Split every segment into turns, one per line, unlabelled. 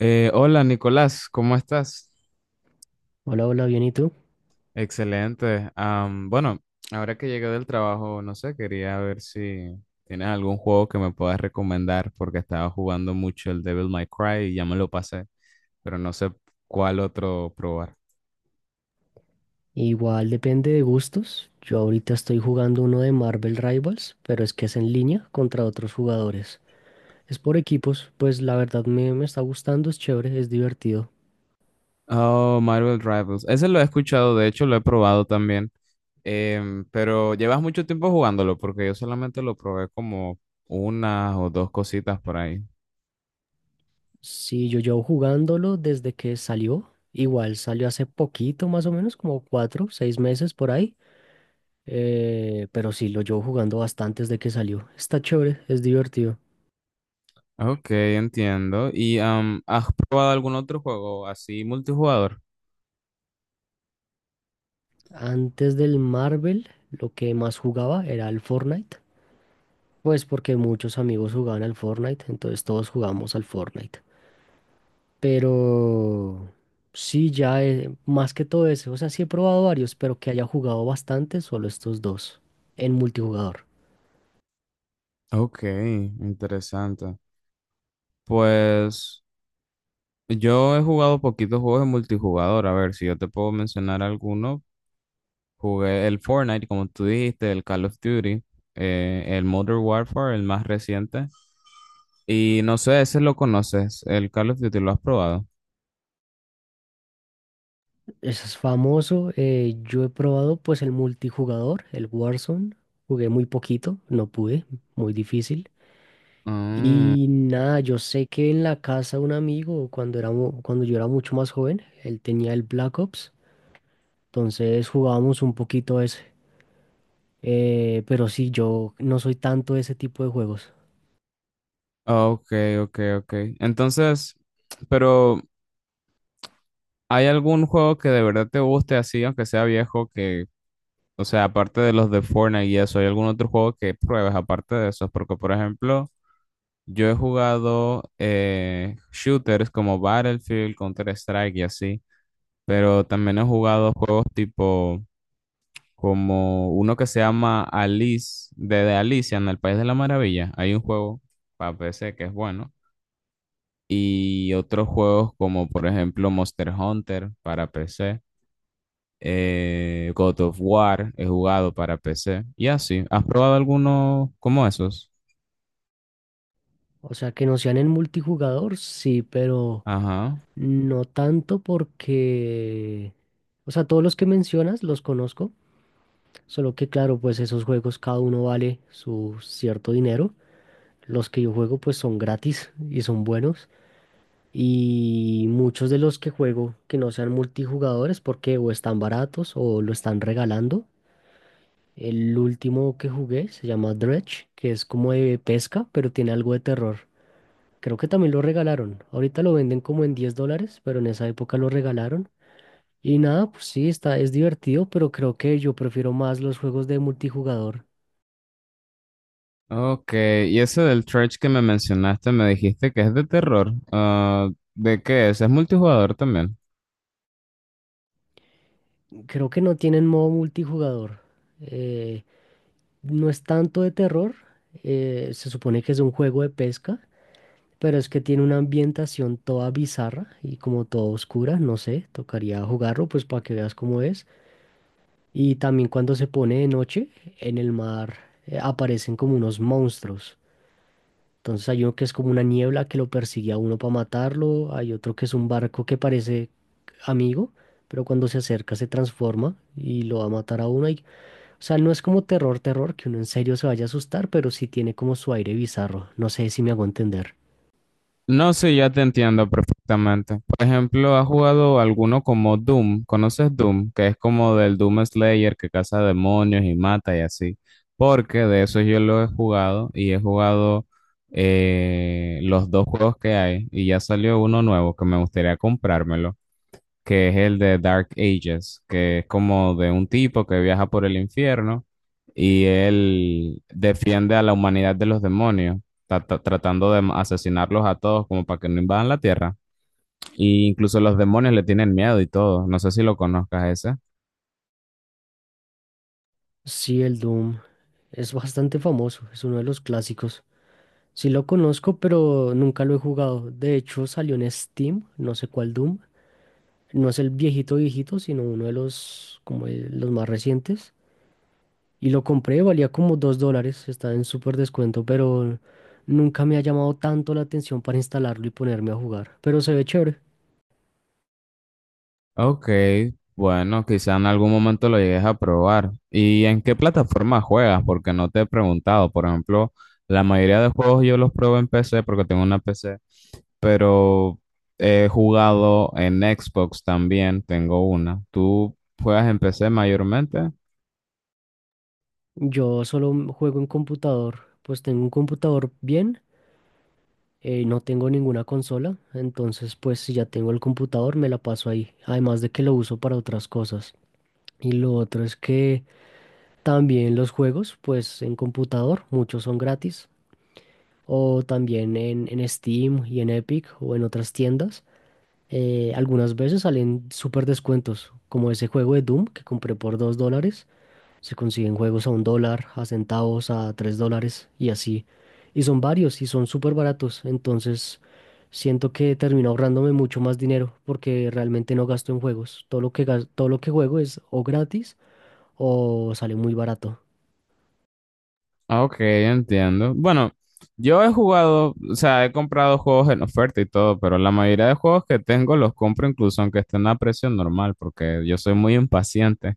Hola Nicolás, ¿cómo estás?
Hola, hola, bien, ¿y tú?
Excelente. Bueno, ahora que llegué del trabajo, no sé, quería ver si tienes algún juego que me puedas recomendar porque estaba jugando mucho el Devil May Cry y ya me lo pasé, pero no sé cuál otro probar.
Igual depende de gustos. Yo ahorita estoy jugando uno de Marvel Rivals, pero es que es en línea contra otros jugadores. Es por equipos, pues la verdad me está gustando, es chévere, es divertido.
Oh, Marvel Rivals. Ese lo he escuchado, de hecho lo he probado también. Pero llevas mucho tiempo jugándolo porque yo solamente lo probé como una o dos cositas por ahí.
Sí, yo llevo jugándolo desde que salió. Igual salió hace poquito, más o menos, como 4, 6 meses por ahí. Pero sí, lo llevo jugando bastante desde que salió. Está chévere, es divertido.
Ok, entiendo. ¿Y has probado algún otro juego así multijugador?
Antes del Marvel, lo que más jugaba era el Fortnite. Pues porque muchos amigos jugaban al Fortnite, entonces todos jugamos al Fortnite. Pero sí, ya más que todo eso, o sea, sí he probado varios, pero que haya jugado bastante, solo estos dos en multijugador.
Ok, interesante. Pues yo he jugado poquitos juegos de multijugador. A ver, si yo te puedo mencionar alguno. Jugué el Fortnite, como tú dijiste, el Call of Duty, el Modern Warfare, el más reciente. Y no sé, ese lo conoces, el Call of Duty, ¿lo has probado?
Eso es famoso, yo he probado pues el multijugador, el Warzone, jugué muy poquito, no pude, muy difícil.
Mm,
Y nada, yo sé que en la casa de un amigo, cuando era, cuando yo era mucho más joven, él tenía el Black Ops. Entonces jugábamos un poquito. Pero sí, yo no soy tanto de ese tipo de juegos.
ok, ok, ok. Entonces, pero... ¿Hay algún juego que de verdad te guste así, aunque sea viejo, que, o sea, aparte de los de Fortnite y eso, hay algún otro juego que pruebes aparte de esos? Porque, por ejemplo, yo he jugado shooters como Battlefield, Counter-Strike y así, pero también he jugado juegos tipo como uno que se llama Alice, de Alicia en el País de la Maravilla. Hay un juego para PC que es bueno. Y otros juegos como, por ejemplo, Monster Hunter para PC. God of War, he jugado para PC. Y así, ¿has probado alguno como esos?
O sea, que no sean en multijugador, sí, pero
Ajá.
no tanto porque... O sea, todos los que mencionas los conozco, solo que claro, pues esos juegos cada uno vale su cierto dinero. Los que yo juego pues son gratis y son buenos. Y muchos de los que juego que no sean multijugadores porque o están baratos o lo están regalando. El último que jugué se llama Dredge, que es como de pesca, pero tiene algo de terror. Creo que también lo regalaron. Ahorita lo venden como en 10 dólares, pero en esa época lo regalaron. Y nada, pues sí, está, es divertido, pero creo que yo prefiero más los juegos de multijugador.
Ok, y ese del Church que me mencionaste, me dijiste que es de terror. Ah, ¿de qué es? ¿Es multijugador también?
Creo que no tienen modo multijugador. Eh, no es tanto de terror, se supone que es un juego de pesca, pero es que tiene una ambientación toda bizarra y como toda oscura, no sé, tocaría jugarlo pues para que veas cómo es. Y también cuando se pone de noche, en el mar aparecen como unos monstruos. Entonces hay uno que es como una niebla que lo persigue a uno para matarlo, hay otro que es un barco que parece amigo, pero cuando se acerca se transforma y lo va a matar a uno. Y, o sea, no es como terror, terror, que uno en serio se vaya a asustar, pero sí tiene como su aire bizarro. No sé si me hago entender.
No sé, ya te entiendo perfectamente. Por ejemplo, ¿has jugado alguno como Doom? ¿Conoces Doom? Que es como del Doom Slayer que caza demonios y mata y así. Porque de eso yo lo he jugado y he jugado los dos juegos que hay y ya salió uno nuevo que me gustaría comprármelo que es el de Dark Ages, que es como de un tipo que viaja por el infierno y él defiende a la humanidad de los demonios, tratando de asesinarlos a todos como para que no invadan la Tierra. Y incluso los demonios le tienen miedo y todo. No sé si lo conozcas ese.
Sí, el Doom es bastante famoso, es uno de los clásicos. Sí lo conozco, pero nunca lo he jugado. De hecho, salió en Steam, no sé cuál Doom. No es el viejito viejito, sino uno de los, como los más recientes. Y lo compré, valía como 2 dólares, está en súper descuento, pero nunca me ha llamado tanto la atención para instalarlo y ponerme a jugar. Pero se ve chévere.
Ok, bueno, quizá en algún momento lo llegues a probar. ¿Y en qué plataforma juegas? Porque no te he preguntado. Por ejemplo, la mayoría de juegos yo los pruebo en PC porque tengo una PC, pero he jugado en Xbox también, tengo una. ¿Tú juegas en PC mayormente?
Yo solo juego en computador, pues tengo un computador bien, no tengo ninguna consola, entonces pues si ya tengo el computador me la paso ahí, además de que lo uso para otras cosas. Y lo otro es que también los juegos, pues en computador, muchos son gratis, o también en, Steam y en Epic o en otras tiendas. Algunas veces salen súper descuentos, como ese juego de Doom que compré por 2 dólares. Se consiguen juegos a 1 dólar, a centavos, a 3 dólares y así. Y son varios y son súper baratos. Entonces siento que termino ahorrándome mucho más dinero porque realmente no gasto en juegos. Todo lo que juego es o gratis o sale muy barato.
Ah, ok, entiendo. Bueno, yo he jugado, o sea, he comprado juegos en oferta y todo, pero la mayoría de juegos que tengo los compro incluso aunque estén a precio normal, porque yo soy muy impaciente,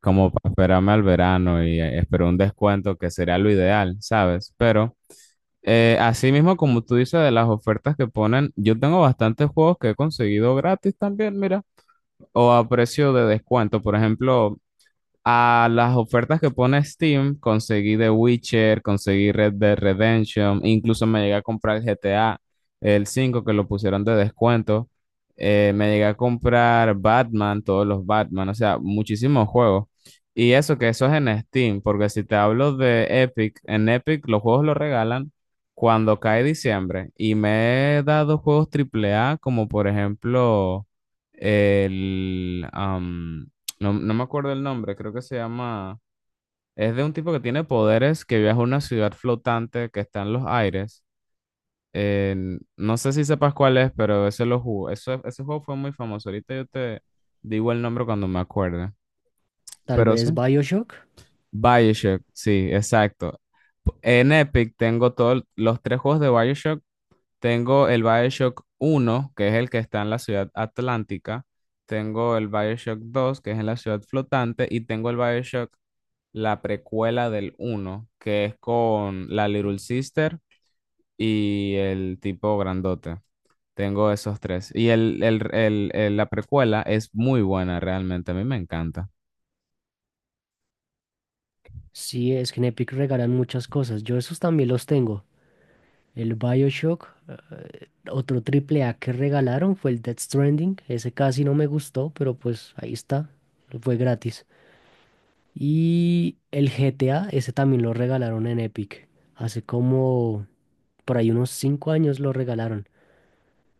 como para esperarme al verano y espero un descuento que sería lo ideal, ¿sabes? Pero así mismo, como tú dices de las ofertas que ponen, yo tengo bastantes juegos que he conseguido gratis también, mira, o a precio de descuento. Por ejemplo, a las ofertas que pone Steam, conseguí The Witcher, conseguí Red Dead Redemption, incluso me llegué a comprar el GTA, el 5 que lo pusieron de descuento. Me llegué a comprar Batman, todos los Batman, o sea, muchísimos juegos. Y eso que eso es en Steam, porque si te hablo de Epic, en Epic los juegos los regalan cuando cae diciembre y me he dado juegos triple A como por ejemplo el... am, no, no me acuerdo el nombre, creo que se llama... Es de un tipo que tiene poderes que viaja a una ciudad flotante que está en los aires. Eh, no sé si sepas cuál es, pero ese lo jugó. Eso, ese juego fue muy famoso. Ahorita yo te digo el nombre cuando me acuerde.
Tal
Pero
vez
sí.
BioShock.
BioShock, sí, exacto. P- En Epic tengo todos los tres juegos de BioShock. Tengo el BioShock uno que es el que está en la ciudad atlántica. Tengo el BioShock 2 que es en la ciudad flotante. Y tengo el BioShock, la precuela del uno que es con la Little Sister y el tipo grandote. Tengo esos tres. Y la precuela es muy buena, realmente. A mí me encanta.
Sí, es que en Epic regalan muchas cosas. Yo esos también los tengo. El BioShock, otro triple A que regalaron fue el Death Stranding. Ese casi no me gustó, pero pues ahí está. Fue gratis. Y el GTA, ese también lo regalaron en Epic. Hace como por ahí unos 5 años lo regalaron.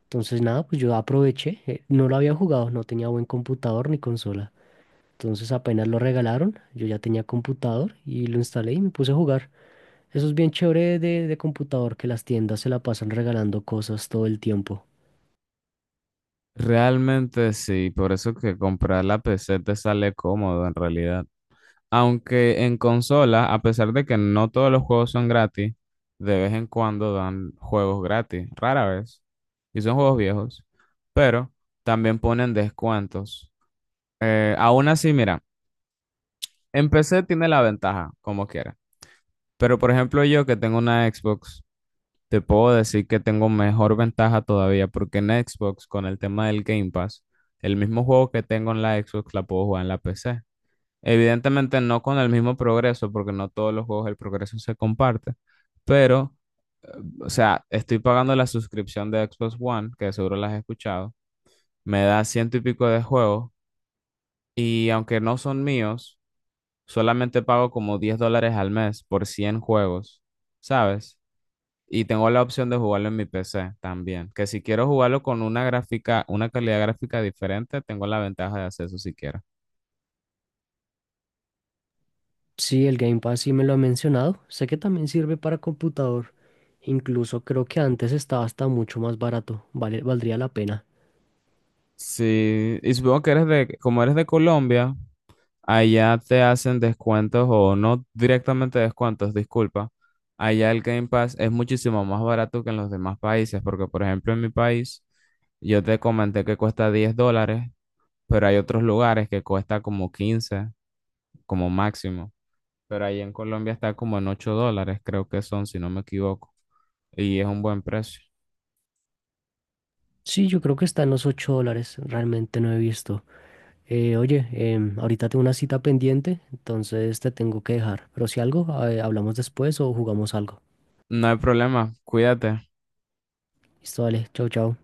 Entonces nada, pues yo aproveché. No lo había jugado, no tenía buen computador ni consola. Entonces apenas lo regalaron, yo ya tenía computador y lo instalé y me puse a jugar. Eso es bien chévere de computador, que las tiendas se la pasan regalando cosas todo el tiempo.
Realmente sí, por eso que comprar la PC te sale cómodo en realidad. Aunque en consola, a pesar de que no todos los juegos son gratis, de vez en cuando dan juegos gratis, rara vez. Y son juegos viejos, pero también ponen descuentos. Aún así, mira, en PC tiene la ventaja, como quiera. Pero por ejemplo, yo que tengo una Xbox, te puedo decir que tengo mejor ventaja todavía, porque en Xbox, con el tema del Game Pass, el mismo juego que tengo en la Xbox la puedo jugar en la PC. Evidentemente no con el mismo progreso, porque no todos los juegos el progreso se comparte. Pero, o sea, estoy pagando la suscripción de Xbox One, que seguro la has escuchado. Me da ciento y pico de juegos. Y aunque no son míos, solamente pago como $10 al mes por 100 juegos, ¿sabes? Y tengo la opción de jugarlo en mi PC también, que si quiero jugarlo con una gráfica, una calidad gráfica diferente, tengo la ventaja de hacer eso si quiero.
Sí, el Game Pass sí me lo ha mencionado. Sé que también sirve para computador. Incluso creo que antes estaba hasta mucho más barato. Vale, valdría la pena.
Sí, y supongo que eres de, como eres de Colombia, allá te hacen descuentos o no directamente descuentos, disculpa. Allá el Game Pass es muchísimo más barato que en los demás países, porque por ejemplo en mi país yo te comenté que cuesta $10, pero hay otros lugares que cuesta como 15 como máximo, pero ahí en Colombia está como en $8, creo que son, si no me equivoco, y es un buen precio.
Sí, yo creo que está en los 8 dólares. Realmente no he visto. Oye, ahorita tengo una cita pendiente, entonces te tengo que dejar. Pero si algo, hablamos después o jugamos algo.
No hay problema, cuídate.
Listo, vale. Chau, chau.